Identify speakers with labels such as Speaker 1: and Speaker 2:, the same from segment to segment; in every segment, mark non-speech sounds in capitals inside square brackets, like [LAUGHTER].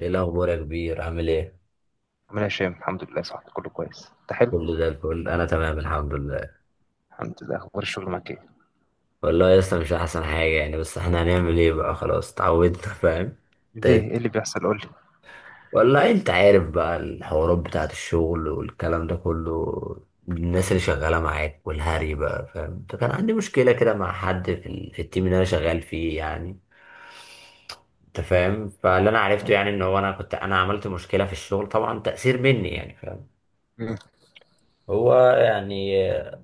Speaker 1: ايه الاخبار يا كبير، عامل ايه؟
Speaker 2: عامل ايه يا هشام؟ الحمد لله، صح؟ كله كويس؟ انت حلو؟
Speaker 1: كله زي الفل، انا تمام الحمد لله.
Speaker 2: الحمد لله. اخبار الشغل معاك ايه؟
Speaker 1: والله يا اسطى مش احسن حاجه يعني، بس احنا هنعمل ايه بقى، خلاص اتعودنا. [LAUGHS] فاهم.
Speaker 2: ليه؟ ايه
Speaker 1: ت-
Speaker 2: اللي بيحصل؟ قول لي.
Speaker 1: والله انت عارف بقى الحوارات بتاعت الشغل والكلام ده كله. الناس اللي شغاله معاك والهري بقى، فاهم. فكان عندي مشكله كده مع حد في في التيم اللي انا شغال فيه يعني. انت فاهم. فاللي انا عرفته يعني ان هو انا عملت مشكله في الشغل، طبعا تاثير مني يعني، فاهم.
Speaker 2: مم.
Speaker 1: هو يعني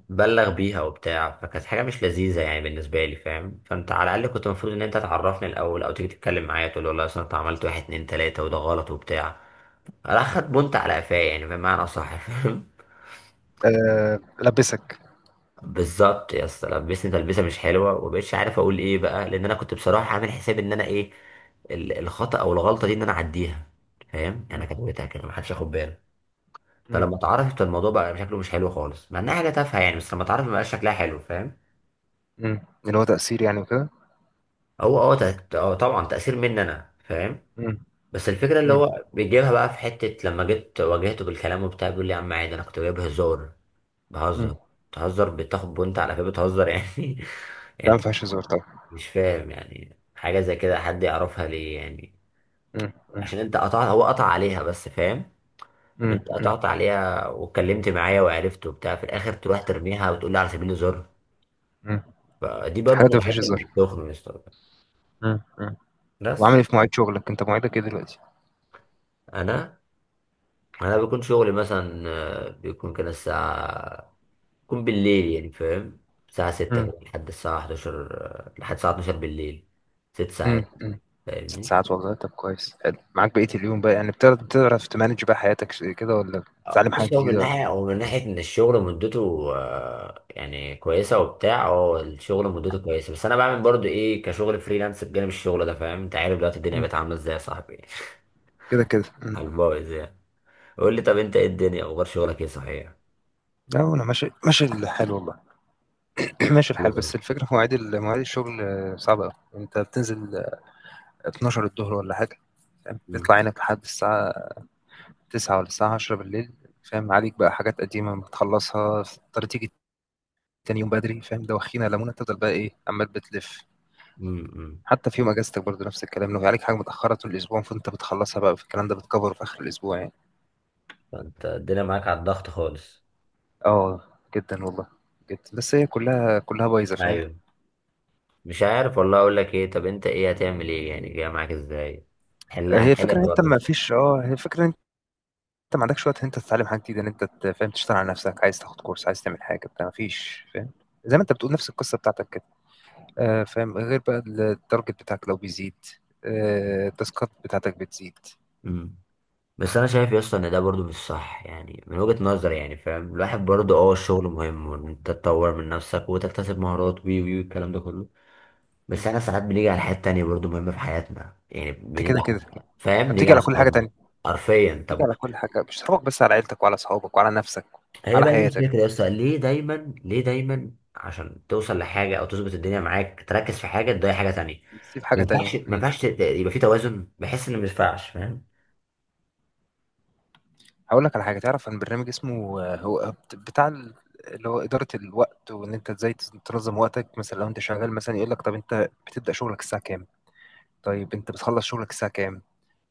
Speaker 1: بلغ بيها وبتاع، فكانت حاجة مش لذيذة يعني بالنسبة لي، فاهم. فانت على الأقل كنت المفروض إن أنت تعرفني الأول أو تيجي تتكلم معايا تقول لي والله، أصل أنت عملت واحد اتنين تلاتة وده غلط وبتاع. راح خد بنت على قفاه، يعني بمعنى صح. [LAUGHS] فاهم.
Speaker 2: أه، لبسك.
Speaker 1: بالظبط يا اسطى، لبسني تلبسة مش حلوة ومبقتش عارف أقول إيه بقى، لأن أنا كنت بصراحة عامل حساب إن أنا إيه، الخطأ أو الغلطة دي إن أنا أعديها. فاهم، يعني
Speaker 2: مم.
Speaker 1: أنا كتبتها كده محدش ياخد باله.
Speaker 2: مم.
Speaker 1: فلما اتعرفت الموضوع بقى شكله مش حلو خالص، مع إنها حاجة تافهة يعني، بس لما اتعرفت مبقاش شكلها حلو، فاهم.
Speaker 2: مم. اللي هو تأثير يعني وكده.
Speaker 1: هو طبعا تأثير مني انا، فاهم.
Speaker 2: مم.
Speaker 1: بس الفكرة اللي
Speaker 2: مم.
Speaker 1: هو بيجيبها بقى في حتة، لما جيت واجهته بالكلام وبتاع بيقول لي يا عم عادي، انا كنت جايب هزار،
Speaker 2: مم.
Speaker 1: بهزر. بتهزر، بتاخد بنت على كده بتهزر يعني؟ [LAUGHS]
Speaker 2: ده
Speaker 1: يعني
Speaker 2: ما
Speaker 1: انت
Speaker 2: فيهاش هزار طبعا.
Speaker 1: مش فاهم، يعني حاجة زي كده حد يعرفها ليه يعني؟
Speaker 2: مم. مم.
Speaker 1: عشان انت قطعت، هو قطع عليها بس، فاهم. طب
Speaker 2: مم.
Speaker 1: انت
Speaker 2: مم.
Speaker 1: قطعت عليها واتكلمت معايا وعرفت وبتاع، في الاخر تروح ترميها وتقول لي على سبيل الهزار؟
Speaker 2: مم.
Speaker 1: فدي
Speaker 2: في
Speaker 1: برضه من
Speaker 2: حاجات ما فيهاش
Speaker 1: الحاجات اللي
Speaker 2: هزار.
Speaker 1: بتخنق يا اسطى.
Speaker 2: مم. مم. وعامل
Speaker 1: بس
Speaker 2: ايه في مواعيد شغلك؟ انت مواعيدك ايه دلوقتي؟
Speaker 1: انا انا بيكون شغلي مثلا، بيكون كده الساعه، بيكون بالليل يعني، فاهم. الساعه 6
Speaker 2: مم.
Speaker 1: كده لحد الساعه 11، لحد الساعه 12 بالليل. ست
Speaker 2: مم.
Speaker 1: ساعات
Speaker 2: مم. ست
Speaker 1: فاهمني.
Speaker 2: ساعات والله طب كويس. حلو، معاك بقية اليوم بقى، يعني بتعرف تمانج بقى حياتك كده، ولا بتتعلم حاجة
Speaker 1: بص، هو من
Speaker 2: جديدة ولا؟
Speaker 1: ناحيه، او من ناحيه ان الشغل مدته يعني كويسه وبتاع، الشغل مدته كويسه. بس انا بعمل برضو ايه، كشغل فريلانس بجانب الشغل ده، فاهم. انت عارف دلوقتي الدنيا
Speaker 2: مم.
Speaker 1: بقت عامله ازاي يا صاحبي. [LAUGHS]
Speaker 2: كده كده. مم.
Speaker 1: على البايظ يعني. قول لي طب انت ايه، الدنيا اخبار شغلك ايه صحيح؟
Speaker 2: لا، انا ماشي، ماشي الحال والله. [CLEARS THROAT] ماشي
Speaker 1: قول له
Speaker 2: الحال،
Speaker 1: طب.
Speaker 2: بس الفكره في مواعيد الشغل صعبه قوي. انت بتنزل 12 الظهر ولا حاجه، فاهم،
Speaker 1: مم.
Speaker 2: تطلع عينك لحد الساعه 9 ولا الساعه 10 بالليل، فاهم عليك بقى حاجات قديمه بتخلصها، تضطر تيجي تاني يوم بدري، فاهم؟ دوخينا لمونه، تفضل بقى ايه، عمال بتلف.
Speaker 1: مم. مم.
Speaker 2: حتى في يوم اجازتك برضه نفس الكلام، لو عليك حاجه متاخره طول الاسبوع فانت بتخلصها بقى في الكلام ده، بتكفره في اخر الاسبوع يعني.
Speaker 1: فانت الدنيا معاك على الضغط خالص.
Speaker 2: اه، جدا والله، جدا، بس هي كلها كلها بايظه، فاهم.
Speaker 1: ايوه. مش عارف والله اقول لك ايه. طب انت ايه هتعمل ايه يعني، جاي معاك ازاي؟ هل هتحل الحوار ده؟
Speaker 2: هي الفكرة انت ما عندكش وقت ان انت تتعلم حاجه جديده، ان انت فاهم، تشتغل على نفسك، عايز تاخد كورس، عايز تعمل حاجه بتاع، ما فيش، فاهم. زي ما انت بتقول، نفس القصه بتاعتك كده. فاهم، غير بقى التارجت بتاعك لو بيزيد، التاسكات بتاعتك بتزيد.
Speaker 1: امم. بس انا شايف يا اسطى ان ده برضو مش صح، يعني من وجهة نظري يعني، فاهم. الواحد برضو، اه، الشغل مهم وان انت تطور من نفسك وتكتسب مهارات وي وي الكلام ده كله.
Speaker 2: م.
Speaker 1: بس احنا ساعات بنيجي على حاجات تانية برضو مهمة في حياتنا، يعني
Speaker 2: انت
Speaker 1: بنيجي
Speaker 2: كده
Speaker 1: على،
Speaker 2: كده،
Speaker 1: فاهم،
Speaker 2: انت
Speaker 1: بنيجي
Speaker 2: بتيجي
Speaker 1: على
Speaker 2: على كل حاجه
Speaker 1: صحابنا.
Speaker 2: تانية،
Speaker 1: حرفيا.
Speaker 2: بتيجي
Speaker 1: طب
Speaker 2: على كل حاجه، مش هتفرج بس على عيلتك وعلى اصحابك وعلى نفسك،
Speaker 1: هي
Speaker 2: على
Speaker 1: بقى دي
Speaker 2: حياتك،
Speaker 1: الفكرة يا اسطى، ليه دايما عشان توصل لحاجة أو تظبط الدنيا معاك، تركز في حاجة تضيع حاجة تانية.
Speaker 2: تسيب
Speaker 1: ما
Speaker 2: حاجه تانية.
Speaker 1: ينفعش ما
Speaker 2: م.
Speaker 1: ينفعش يبقى في توازن، بحس إن ما ينفعش، فاهم.
Speaker 2: هقول لك على حاجه، تعرف عن برنامج اسمه، هو بتاع اللي هو إدارة الوقت، وإن أنت إزاي تنظم وقتك مثلا. لو أنت شغال مثلا يقول لك: طب أنت بتبدأ شغلك الساعة كام؟ طيب انت بتخلص شغلك الساعة كام؟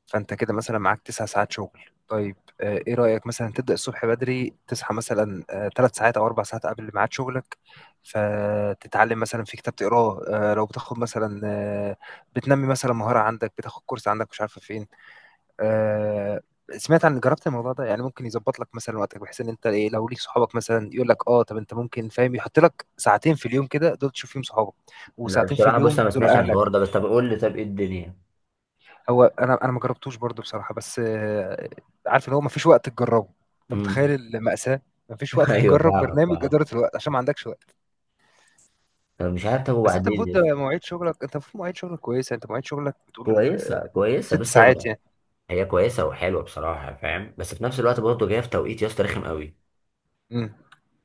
Speaker 2: فانت كده مثلا معاك 9 ساعات شغل، طيب. ايه رأيك مثلا تبدأ الصبح بدري، تصحى مثلا 3 ساعات او 4 ساعات قبل ميعاد شغلك، فتتعلم مثلا في كتاب تقراه، لو بتاخد مثلا، بتنمي مثلا مهارة عندك، بتاخد كورس عندك مش عارفة فين، آه، سمعت عن جربت الموضوع ده يعني، ممكن يظبط لك مثلا وقتك، بحيث ان انت ايه، لو ليك صحابك مثلا يقول لك: طب انت ممكن، فاهم، يحط لك ساعتين في اليوم كده دول تشوف فيهم صحابك،
Speaker 1: لا
Speaker 2: وساعتين في
Speaker 1: بصراحة، بص أنا
Speaker 2: اليوم
Speaker 1: ما
Speaker 2: دول
Speaker 1: سمعتش عن الحوار
Speaker 2: اهلك.
Speaker 1: ده، بس طب قول لي طب إيه الدنيا.
Speaker 2: هو انا ما جربتوش برضو بصراحه، بس عارف، اللي هو ما فيش وقت تجربه. انت متخيل
Speaker 1: امم.
Speaker 2: المأساة؟ ما فيش
Speaker 1: [LAUGHS]
Speaker 2: وقت
Speaker 1: أيوه
Speaker 2: تجرب
Speaker 1: فاهمك،
Speaker 2: برنامج
Speaker 1: فاهم.
Speaker 2: اداره الوقت عشان ما عندكش وقت.
Speaker 1: طب مش عارف، طب
Speaker 2: بس انت
Speaker 1: وبعدين
Speaker 2: المفروض
Speaker 1: يا
Speaker 2: ده،
Speaker 1: اسطى؟
Speaker 2: مواعيد شغلك، انت المفروض مواعيد شغلك كويسه، انت مواعيد شغلك بتقول
Speaker 1: كويسة كويسة،
Speaker 2: ست
Speaker 1: بص
Speaker 2: ساعات
Speaker 1: هي،
Speaker 2: يعني.
Speaker 1: هي كويسة وحلوة بصراحة، فاهم. بس في نفس الوقت برضه جاية في توقيت يا اسطى رخم قوي.
Speaker 2: امم.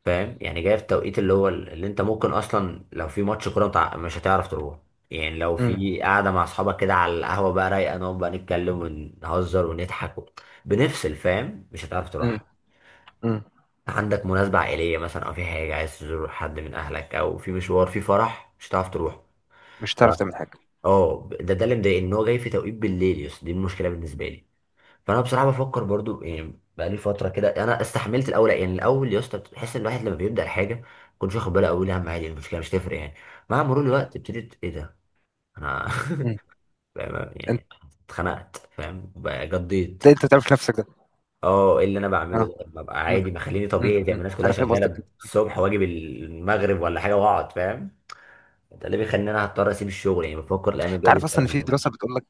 Speaker 1: فاهم، يعني جاي في التوقيت اللي هو، اللي انت ممكن اصلا لو في ماتش كوره مش هتعرف تروح. يعني لو
Speaker 2: امم.
Speaker 1: في قاعده مع اصحابك كده على القهوه بقى رايقه، نقعد بقى نتكلم ونهزر ونضحك و بنفصل، فاهم، مش هتعرف
Speaker 2: امم.
Speaker 1: تروح.
Speaker 2: امم.
Speaker 1: عندك مناسبه عائليه مثلا، او في حاجه عايز تزور حد من اهلك، او في مشوار، في فرح، مش هتعرف تروح.
Speaker 2: مش
Speaker 1: ف-
Speaker 2: هتعرف تعمل حاجه.
Speaker 1: اه ده اللي مضايقني، ان هو جاي في توقيت بالليل، يس دي المشكله بالنسبه لي. فانا بصراحه بفكر برضو يعني، بقالي فتره كده انا استحملت الاول، يعني الاول يا اسطى بتحس ان الواحد لما بيبدا الحاجه كنتش واخد باله، اول اهم عادي، المشكله مش تفرق يعني. مع مرور الوقت ابتديت ايه ده، انا
Speaker 2: امم.
Speaker 1: [LAUGHS]
Speaker 2: انت
Speaker 1: يعني اتخنقت، فاهم، بقى جضيت.
Speaker 2: انت بتعرف نفسك ده؟
Speaker 1: اه ايه اللي انا بعمله
Speaker 2: اه.
Speaker 1: ده، ما بقى
Speaker 2: امم.
Speaker 1: عادي، ما خليني
Speaker 2: امم.
Speaker 1: طبيعي زي ما
Speaker 2: امم.
Speaker 1: الناس كلها
Speaker 2: انا فاهم قصدك.
Speaker 1: شغاله الصبح واجي المغرب ولا حاجه واقعد، فاهم. ده اللي بيخليني انا هضطر اسيب الشغل يعني، بفكر الايام
Speaker 2: انت
Speaker 1: الجايه دي
Speaker 2: عارف
Speaker 1: أضطر
Speaker 2: اصلا ان
Speaker 1: أعمل كده.
Speaker 2: بتقول لك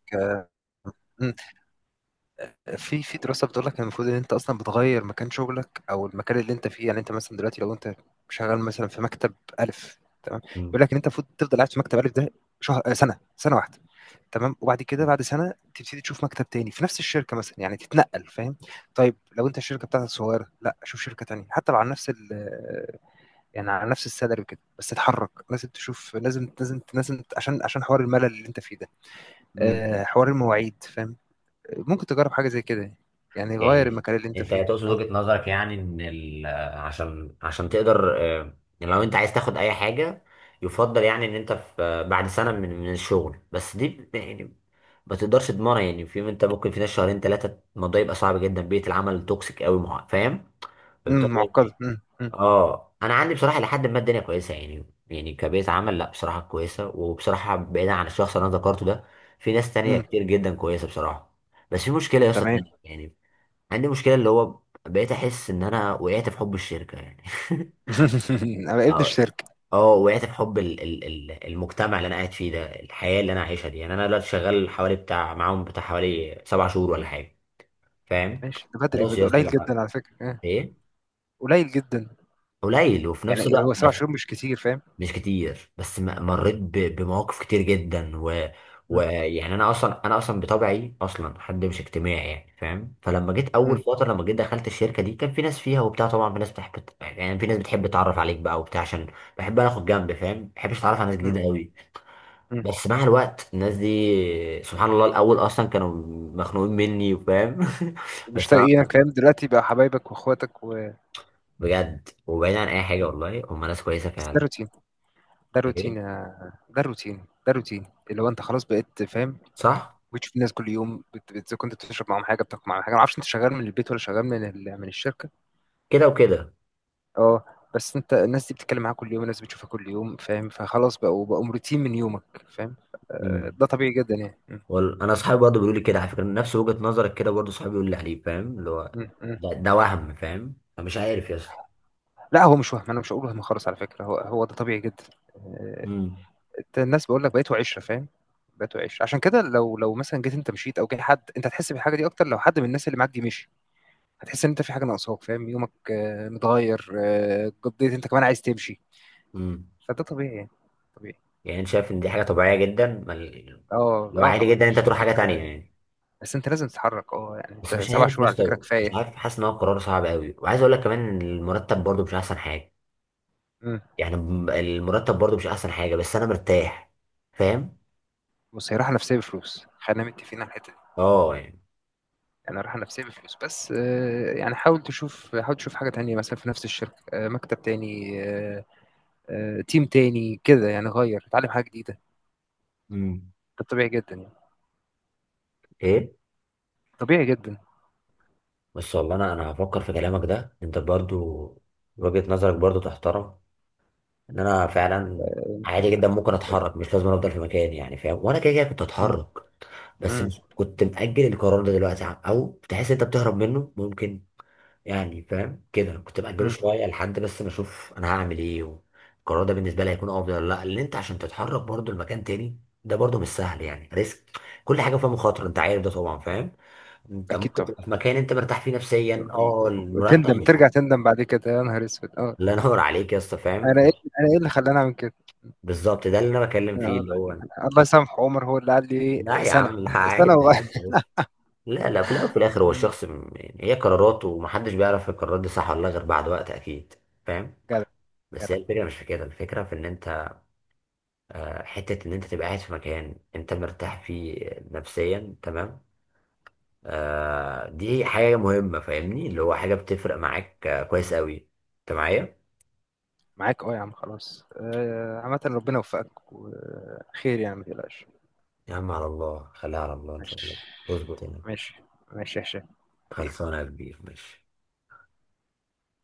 Speaker 2: في في دراسة بتقول لك إن المفروض ان انت اصلا بتغير مكان شغلك او المكان اللي انت فيه، يعني انت مثلا دلوقتي لو انت شغال مثلا في مكتب الف، تمام، بيقول لك ان انت المفروض تفضل قاعد في مكتب الف ده شهر، سنة، سنة واحدة، تمام. وبعد كده، بعد سنة تبتدي تشوف مكتب تاني في نفس الشركة مثلا، يعني تتنقل، فاهم. طيب لو انت الشركة بتاعتك صغيرة، لا، شوف شركة تانية حتى لو على نفس يعني على نفس السالري وكده، بس تتحرك، لازم تشوف، لازم لازم لازم، عشان حوار الملل اللي انت فيه ده،
Speaker 1: مم.
Speaker 2: حوار المواعيد، فاهم. ممكن تجرب حاجة زي كده يعني. غير
Speaker 1: يعني
Speaker 2: المكان اللي انت
Speaker 1: انت
Speaker 2: فيه،
Speaker 1: تقصد
Speaker 2: اه.
Speaker 1: وجهة نظرك يعني ان عشان تقدر، لو انت عايز تاخد اي حاجة، يفضل يعني ان انت في، بعد سنة من الشغل، بس دي يعني ما تقدرش تضمنها، يعني في انت ممكن في ناس شهرين ثلاثة الموضوع يبقى صعب جدا، بيئة العمل توكسيك قوي فاهم؟
Speaker 2: امم.
Speaker 1: فبالتالي-
Speaker 2: معقدة.
Speaker 1: يعني،
Speaker 2: امم. امم.
Speaker 1: اه انا عندي بصراحة لحد ما الدنيا كويسة يعني، يعني كبيئة عمل لا بصراحة كويسة، وبصراحة بعيدا عن الشخص اللي انا ذكرته ده، في ناس تانية
Speaker 2: امم.
Speaker 1: كتير جدا كويسة بصراحة. بس في مشكلة يا اسطى
Speaker 2: تمام.
Speaker 1: تانية يعني، عندي مشكلة اللي هو، بقيت أحس إن أنا وقعت في حب الشركة يعني.
Speaker 2: [LAUGHS]
Speaker 1: [LAUGHS]
Speaker 2: انا ابن
Speaker 1: اه
Speaker 2: الشركة.
Speaker 1: اه وقعت في حب ال ال ال المجتمع اللي أنا قاعد فيه ده، الحياة اللي أنا عايشها دي يعني، أنا دلوقتي شغال حوالي بتاع معاهم، بتاع حوالي 7 شهور ولا حاجة، فاهم.
Speaker 2: ماشي، ده بدري
Speaker 1: خلاص يا
Speaker 2: بدري،
Speaker 1: اسطى
Speaker 2: قليل
Speaker 1: بقى.
Speaker 2: جدا على فكرة، اه.
Speaker 1: إيه.
Speaker 2: قليل جدا،
Speaker 1: قليل وفي نفس
Speaker 2: يعني هو
Speaker 1: الوقت
Speaker 2: سبع
Speaker 1: بس،
Speaker 2: شهور مش كتير، فاهم.
Speaker 1: مش كتير بس مريت بمواقف كتير جدا و،
Speaker 2: امم.
Speaker 1: ويعني انا اصلا بطبعي اصلا حد مش اجتماعي يعني، فاهم. فلما جيت اول
Speaker 2: امم.
Speaker 1: فتره لما جيت دخلت الشركه دي كان في ناس فيها وبتاع، طبعا في ناس بتحب، يعني في ناس بتحب تتعرف عليك بقى وبتاع، عشان بحب انا اخد جنب، فاهم، ما بحبش اتعرف على ناس
Speaker 2: امم.
Speaker 1: جديده قوي.
Speaker 2: امم.
Speaker 1: بس مع الوقت الناس دي سبحان الله، الاول اصلا كانوا مخنوقين مني وفاهم [LAUGHS]
Speaker 2: مش
Speaker 1: بس انا
Speaker 2: تلاقي الكلام دلوقتي بقى حبايبك واخواتك
Speaker 1: بجد وبعيد عن اي حاجه، والله هم ناس كويسه
Speaker 2: بس، ده
Speaker 1: فعلا.
Speaker 2: روتين، ده روتين
Speaker 1: ايه،
Speaker 2: يا- ده روتين ده روتين اللي هو انت خلاص بقيت، فاهم.
Speaker 1: صح.
Speaker 2: بتشوف الناس كل يوم، كنت بتشرب معاهم حاجه، بتاكل معاهم حاجه، ما اعرفش انت شغال من البيت ولا شغال من من الشركه.
Speaker 1: كده وكده.
Speaker 2: اه، بس انت الناس دي بتتكلم معاك كل يوم، الناس بتشوفها كل يوم، فاهم، فخلاص بقوا روتين من يومك، فاهم. ده طبيعي جدا يعني.
Speaker 1: انا اصحابي برضه بيقولوا لي كده على فكره نفس وجهه نظرك، كده برضه صحابي بيقولوا لي عليه، فاهم، اللي هو
Speaker 2: م.
Speaker 1: ده وهم، فاهم، فمش عارف يا اسطى.
Speaker 2: لا، هو مش وهم، انا مش هقول وهم خالص على فكره، هو ده طبيعي جدا. آه،
Speaker 1: امم.
Speaker 2: انت الناس بقول لك بقيتوا عشره، فاهم. بقيتوا عشره عشان كده لو مثلا جيت انت مشيت او جه حد، انت هتحس بالحاجه دي اكتر لو حد من الناس اللي معاك دي مشي، هتحس ان انت في حاجه ناقصاك، فاهم، يومك متغير، قضيت، انت كمان عايز تمشي،
Speaker 1: امم.
Speaker 2: فده طبيعي يعني، طبيعي.
Speaker 1: يعني انت شايف ان دي حاجه طبيعيه جدا، ما
Speaker 2: اه،
Speaker 1: اللي هو
Speaker 2: اه
Speaker 1: عادي
Speaker 2: طبعا،
Speaker 1: جدا انت تروح حاجه تانية يعني.
Speaker 2: بس انت لازم تتحرك، يعني انت
Speaker 1: بس مش
Speaker 2: سبع
Speaker 1: عارف يا
Speaker 2: شهور على فكره
Speaker 1: اسطى، مش
Speaker 2: كفايه.
Speaker 1: عارف، حاسس ان هو قرار صعب قوي. وعايز اقول لك كمان ان المرتب برضه مش احسن حاجه،
Speaker 2: مم.
Speaker 1: يعني المرتب برضه مش احسن حاجه، بس انا مرتاح، فاهم.
Speaker 2: بص، هي راحه نفسيه بفلوس، خلينا متفقين على الحته دي،
Speaker 1: اه، يعني.
Speaker 2: يعني راحه نفسيه بفلوس، بس يعني حاول تشوف حاجه تانية، مثلا في نفس الشركه، مكتب تاني، تيم تاني كده، يعني غير اتعلم حاجه جديده،
Speaker 1: امم.
Speaker 2: ده طبيعي جدا يعني،
Speaker 1: ايه.
Speaker 2: طبيعي جدا.
Speaker 1: بس والله انا هفكر في كلامك ده، انت برضه وجهه نظرك برضه تحترم، ان انا فعلا
Speaker 2: مم.
Speaker 1: عادي جدا ممكن اتحرك مش لازم افضل في مكاني يعني، فاهم، وانا كده كده كنت اتحرك. بس
Speaker 2: مم.
Speaker 1: مش كنت مأجل القرار ده دلوقتي او تحس انت بتهرب منه ممكن يعني، فاهم، كده كنت مأجله
Speaker 2: مم.
Speaker 1: شويه لحد بس ما اشوف انا هعمل ايه، والقرار ده بالنسبه لي هيكون افضل ولا لا، لان انت عشان تتحرك برضو لمكان تاني ده برضو مش سهل، يعني ريسك، كل حاجه فيها مخاطره، انت عارف ده طبعا، فاهم. انت
Speaker 2: اكيد
Speaker 1: ممكن
Speaker 2: طبعا،
Speaker 1: تبقى في مكان انت مرتاح فيه نفسيا، اه، المرتب
Speaker 2: تندم، ترجع تندم بعد كده، يا نهار اسود، اه.
Speaker 1: الله ينور عليك يا اسطى، فاهم.
Speaker 2: انا ايه انا ايه اللي خلاني اعمل كده؟
Speaker 1: بالظبط ده اللي انا بكلم فيه
Speaker 2: آه،
Speaker 1: اللي هو،
Speaker 2: الله يسامحه عمر، هو اللي قال لي
Speaker 1: لا
Speaker 2: ايه:
Speaker 1: يا
Speaker 2: سنه،
Speaker 1: عم، لا عادي
Speaker 2: سنه وغير.
Speaker 1: عادي يا باشا. لا لا، في الاول وفي الاخر هو الشخص
Speaker 2: [LAUGHS]
Speaker 1: يعني هي قراراته، ومحدش بيعرف القرارات دي صح ولا لا غير بعد وقت اكيد، فاهم.
Speaker 2: جدع،
Speaker 1: بس هي
Speaker 2: جدع.
Speaker 1: الفكره مش في كده، الفكره في ان انت، حته ان انت تبقى قاعد في مكان انت مرتاح فيه نفسيا، تمام، دي حاجه مهمه فاهمني، اللي هو حاجه بتفرق معاك، كويس قوي. انت معايا؟
Speaker 2: معاك، اه يا عم، خلاص. عامة ربنا يوفقك وخير، يعني ما تقلقش.
Speaker 1: يا عم على الله، خليها على الله ان شاء
Speaker 2: ماشي،
Speaker 1: الله. اظبط هنا.
Speaker 2: ماشي، ماشي يا هشام.
Speaker 1: خلصانه يا كبير، ماشي.